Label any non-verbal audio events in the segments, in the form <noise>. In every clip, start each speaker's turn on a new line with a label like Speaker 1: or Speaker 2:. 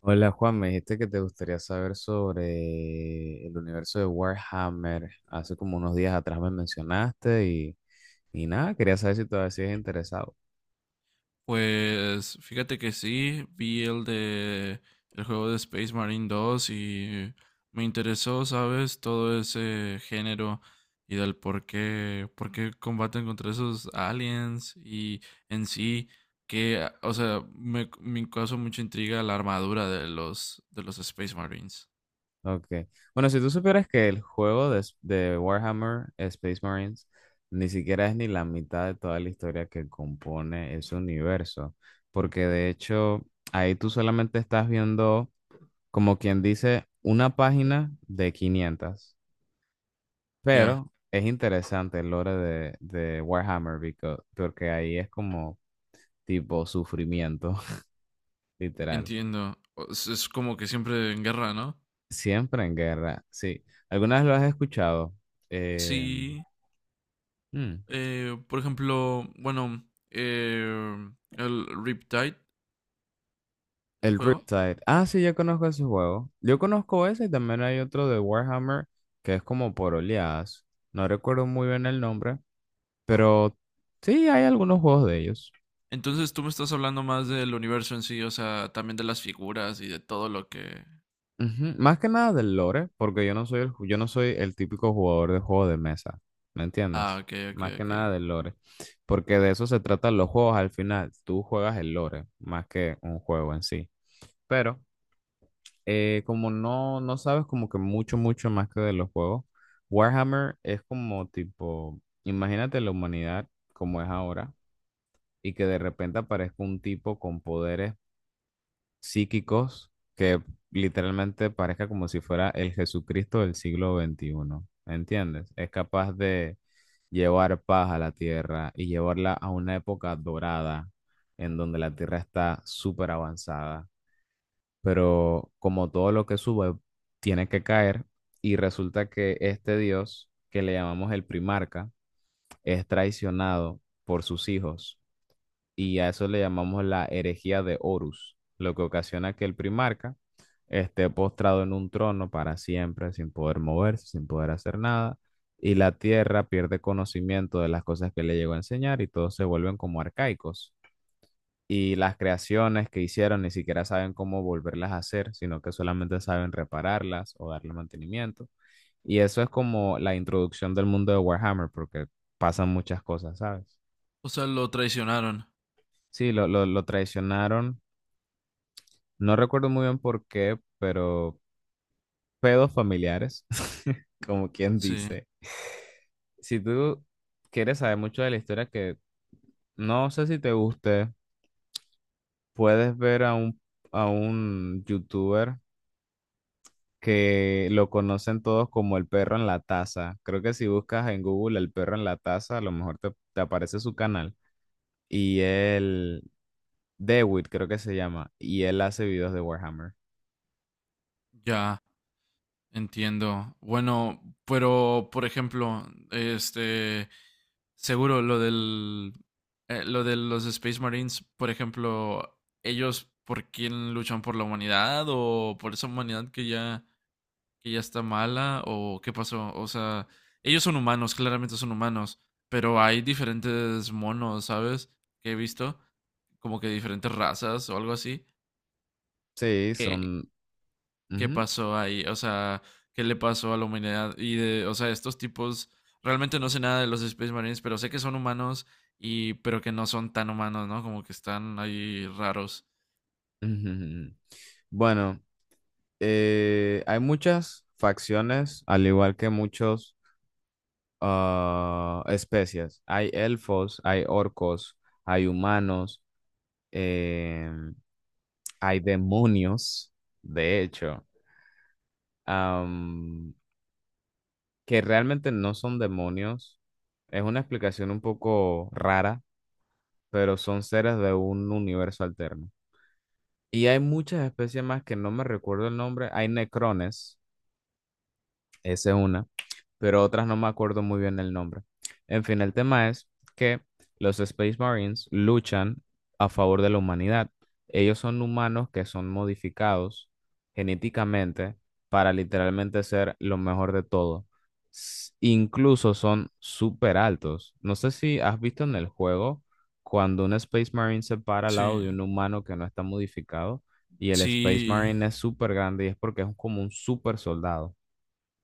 Speaker 1: Hola Juan, me dijiste que te gustaría saber sobre el universo de Warhammer. Hace como unos días atrás me mencionaste y nada, quería saber si todavía sigues interesado.
Speaker 2: Pues fíjate que sí, vi el juego de Space Marine 2 y me interesó, ¿sabes? Todo ese género y del por qué combaten contra esos aliens y en sí que, o sea, me causó mucha intriga la armadura de los Space Marines.
Speaker 1: Ok. Bueno, si tú supieras que el juego de Warhammer Space Marines ni siquiera es ni la mitad de toda la historia que compone ese universo, porque de hecho ahí tú solamente estás viendo, como quien dice, una página de 500.
Speaker 2: Ya,
Speaker 1: Pero es interesante el lore de Warhammer porque ahí es como tipo sufrimiento, <laughs> literal.
Speaker 2: entiendo. Es como que siempre en guerra, ¿no?
Speaker 1: Siempre en guerra, sí. ¿Alguna vez lo has escuchado? Eh,
Speaker 2: Sí.
Speaker 1: hmm,
Speaker 2: Por ejemplo, bueno, el Riptide, el
Speaker 1: el
Speaker 2: juego.
Speaker 1: Riptide. Ah, sí, yo conozco ese juego. Yo conozco ese y también hay otro de Warhammer que es como por oleadas. No recuerdo muy bien el nombre, pero sí hay algunos juegos de ellos.
Speaker 2: Entonces tú me estás hablando más del universo en sí, o sea, también de las figuras y de todo lo que.
Speaker 1: Ujú, más que nada del lore, porque yo no soy el típico jugador de juego de mesa, ¿me
Speaker 2: Ah,
Speaker 1: entiendes?
Speaker 2: ok, ok,
Speaker 1: Más que
Speaker 2: ok.
Speaker 1: nada del lore, porque de eso se tratan los juegos al final, tú juegas el lore más que un juego en sí. Pero como no sabes como que mucho, mucho más que de los juegos, Warhammer es como tipo, imagínate la humanidad como es ahora y que de repente aparezca un tipo con poderes psíquicos que literalmente parezca como si fuera el Jesucristo del siglo XXI. ¿Entiendes? Es capaz de llevar paz a la tierra y llevarla a una época dorada en donde la tierra está súper avanzada. Pero como todo lo que sube tiene que caer y resulta que este Dios, que le llamamos el primarca, es traicionado por sus hijos y a eso le llamamos la herejía de Horus, lo que ocasiona que el primarca esté postrado en un trono para siempre, sin poder moverse, sin poder hacer nada, y la tierra pierde conocimiento de las cosas que le llegó a enseñar y todos se vuelven como arcaicos. Y las creaciones que hicieron ni siquiera saben cómo volverlas a hacer, sino que solamente saben repararlas o darle mantenimiento. Y eso es como la introducción del mundo de Warhammer, porque pasan muchas cosas, ¿sabes?
Speaker 2: O sea, lo traicionaron.
Speaker 1: Sí, lo traicionaron. No recuerdo muy bien por qué, pero pedos familiares, <laughs> como quien
Speaker 2: Sí,
Speaker 1: dice. Si tú quieres saber mucho de la historia que no sé si te guste, puedes ver a un, youtuber que lo conocen todos como el perro en la taza. Creo que si buscas en Google el perro en la taza, a lo mejor te aparece su canal. Y él, Dewitt creo que se llama, y él hace videos de Warhammer.
Speaker 2: ya, entiendo. Bueno, pero, por ejemplo, este. Seguro lo del. Lo de los Space Marines, por ejemplo, ¿ellos por quién luchan, por la humanidad o por esa humanidad que ya está mala o qué pasó? O sea, ellos son humanos, claramente son humanos, pero hay diferentes monos, ¿sabes? Que he visto, como que diferentes razas o algo así.
Speaker 1: Sí,
Speaker 2: ¿Qué,
Speaker 1: son.
Speaker 2: qué
Speaker 1: Ujú,
Speaker 2: pasó ahí? O sea, ¿qué le pasó a la humanidad? Y o sea, estos tipos, realmente no sé nada de los Space Marines, pero sé que son humanos y, pero que no son tan humanos, ¿no? Como que están ahí raros.
Speaker 1: ujú, ujú. Bueno. Hay muchas facciones, al igual que muchos especies. Hay elfos, hay orcos, hay humanos, em, hay demonios, de hecho, am, que realmente no son demonios. Es una explicación un poco rara, pero son seres de un universo alterno. Y hay muchas especies más que no me recuerdo el nombre. Hay necrones, esa es una, pero otras no me acuerdo muy bien el nombre. En fin, el tema es que los Space Marines luchan a favor de la humanidad. Ellos son humanos que son modificados genéticamente para literalmente ser lo mejor de todo. Incluso son súper altos. No sé si has visto en el juego cuando un Space Marine se para al
Speaker 2: Sí,
Speaker 1: lado de un humano que no está modificado y el Space
Speaker 2: sí,
Speaker 1: Marine es súper grande y es porque es como un súper soldado.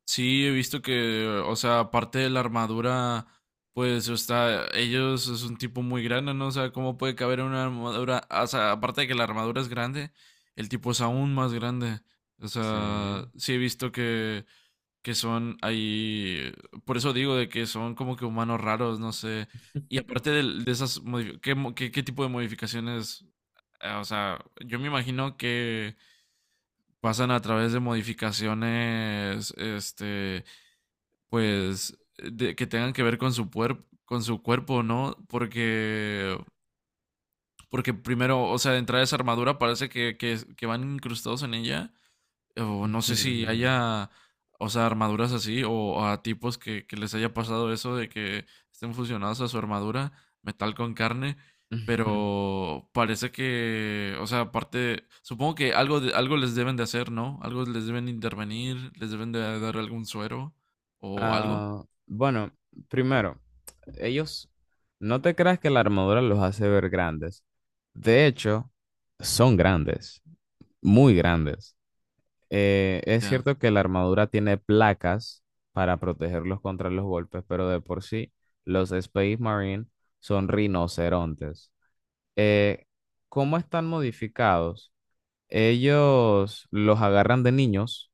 Speaker 2: Sí, he visto que, o sea, aparte de la armadura, pues, o sea, ellos es un tipo muy grande, ¿no? O sea, ¿cómo puede caber en una armadura? O sea, aparte de que la armadura es grande, el tipo es aún más grande. O sea,
Speaker 1: Sí.
Speaker 2: sí he visto que son ahí, por eso digo de que son como que humanos raros, no sé. Y aparte ¿qué tipo de modificaciones? O sea, yo me imagino que pasan a través de modificaciones, este pues, que tengan que ver con su cuerpo, ¿no? Porque primero, o sea, de entrada esa armadura parece que van incrustados en ella. O no
Speaker 1: <laughs> Ujú,
Speaker 2: sé si
Speaker 1: ujú,
Speaker 2: haya, o sea, armaduras así, o a tipos que les haya pasado eso de que estén fusionados a su armadura, metal con carne.
Speaker 1: ujú.
Speaker 2: Pero parece que, o sea, aparte, supongo que algo les deben de hacer, ¿no? Algo les deben intervenir, les deben de dar algún suero o algo.
Speaker 1: Ah, bueno, primero, ellos, no te creas que la armadura los hace ver grandes. De hecho, son grandes, muy grandes. Es
Speaker 2: Ya.
Speaker 1: cierto que la armadura tiene placas para protegerlos contra los golpes, pero de por sí, los Space Marine son rinocerontes. Eh, ¿cómo están modificados? Ellos los agarran de niños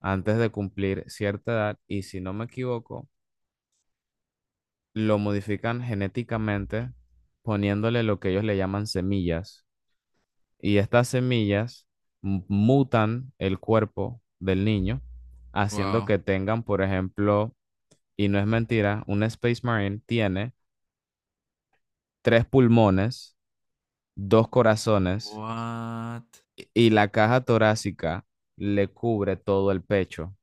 Speaker 1: antes de cumplir cierta edad y si no me equivoco, lo modifican genéticamente poniéndole lo que ellos le llaman semillas y estas semillas mutan el cuerpo del niño haciendo
Speaker 2: Wow.
Speaker 1: que tengan, por ejemplo, y no es mentira, un Space Marine tiene tres pulmones, dos corazones
Speaker 2: What?
Speaker 1: y la caja torácica le cubre todo el pecho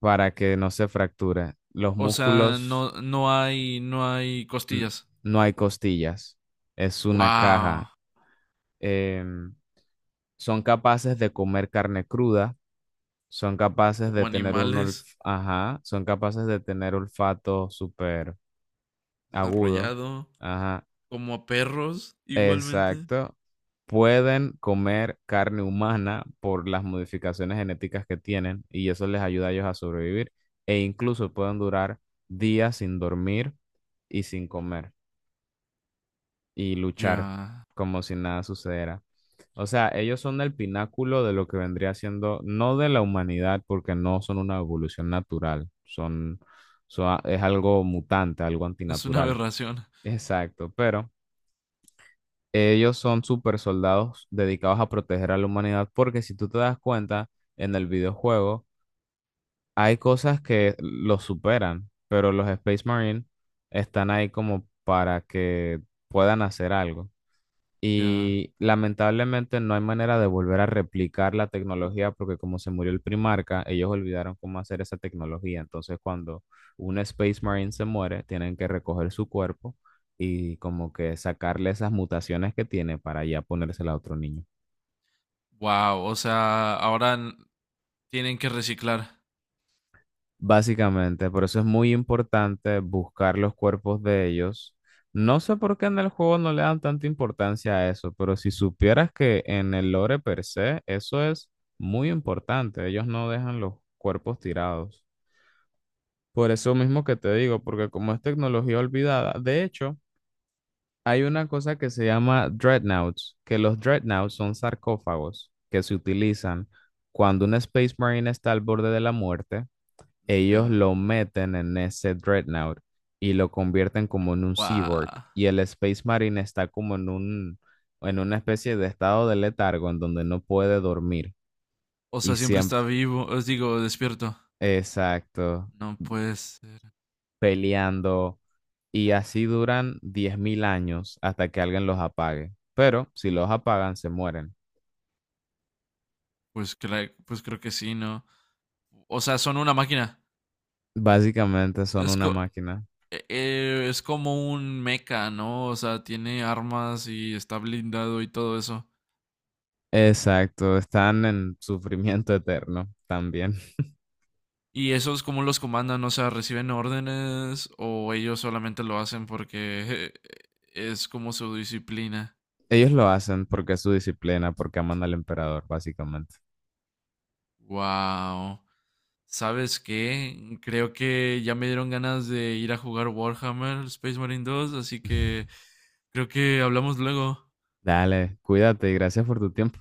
Speaker 1: para que no se fracture. Los
Speaker 2: O sea,
Speaker 1: músculos
Speaker 2: no, no hay
Speaker 1: n-
Speaker 2: costillas.
Speaker 1: no hay costillas, es una caja.
Speaker 2: Wow.
Speaker 1: Em, Son capaces de comer carne cruda, son capaces de
Speaker 2: Como
Speaker 1: tener
Speaker 2: animales,
Speaker 1: ajá, son capaces de tener olfato súper agudo,
Speaker 2: desarrollado,
Speaker 1: ajá,
Speaker 2: como a perros, igualmente.
Speaker 1: exacto. Pueden comer carne humana por las modificaciones genéticas que tienen y eso les ayuda a ellos a sobrevivir e incluso pueden durar días sin dormir y sin comer, y luchar
Speaker 2: Ya.
Speaker 1: como si nada sucediera. O sea, ellos son el pináculo de lo que vendría siendo, no de la humanidad, porque no son una evolución natural, es algo mutante, algo
Speaker 2: Es una
Speaker 1: antinatural.
Speaker 2: aberración.
Speaker 1: Exacto, pero ellos son super soldados dedicados a proteger a la humanidad, porque si tú te das cuenta, en el videojuego hay cosas que los superan, pero los Space Marine están ahí como para que puedan hacer algo.
Speaker 2: Ya.
Speaker 1: Y lamentablemente no hay manera de volver a replicar la tecnología porque como se murió el Primarca, ellos olvidaron cómo hacer esa tecnología. Entonces, cuando un Space Marine se muere, tienen que recoger su cuerpo y como que sacarle esas mutaciones que tiene para ya ponérsela a otro niño.
Speaker 2: Wow. O sea, ahora tienen que reciclar.
Speaker 1: Básicamente, por eso es muy importante buscar los cuerpos de ellos. No sé por qué en el juego no le dan tanta importancia a eso, pero si supieras que en el lore per se, eso es muy importante. Ellos no dejan los cuerpos tirados. Por eso mismo que te digo, porque como es tecnología olvidada, de hecho, hay una cosa que se llama dreadnoughts, que los dreadnoughts son sarcófagos que se utilizan cuando un Space Marine está al borde de la muerte, ellos
Speaker 2: Ya.
Speaker 1: lo meten en ese Dreadnought y lo convierten como en un cyborg.
Speaker 2: Wow.
Speaker 1: Y el Space Marine está como en una especie de estado de letargo en donde no puede dormir.
Speaker 2: O
Speaker 1: Y
Speaker 2: sea, siempre
Speaker 1: siempre,
Speaker 2: está vivo. Os digo, despierto.
Speaker 1: exacto,
Speaker 2: No puede ser.
Speaker 1: peleando. Y así duran 10.000 años hasta que alguien los apague. Pero si los apagan, se mueren.
Speaker 2: Pues creo que sí, ¿no? O sea, son una máquina.
Speaker 1: Básicamente son
Speaker 2: Es
Speaker 1: una
Speaker 2: co-
Speaker 1: máquina.
Speaker 2: es como un mecha, ¿no? O sea, tiene armas y está blindado y todo eso.
Speaker 1: Exacto, están en sufrimiento eterno también.
Speaker 2: ¿Y esos cómo los comandan? O sea, ¿reciben órdenes o ellos solamente lo hacen porque <laughs> es como su disciplina?
Speaker 1: Ellos lo hacen porque es su disciplina, porque aman al emperador, básicamente.
Speaker 2: Wow. ¿Sabes qué? Creo que ya me dieron ganas de ir a jugar Warhammer Space Marine dos, así que
Speaker 1: <laughs>
Speaker 2: creo que hablamos luego.
Speaker 1: Dale, cuídate y gracias por tu tiempo.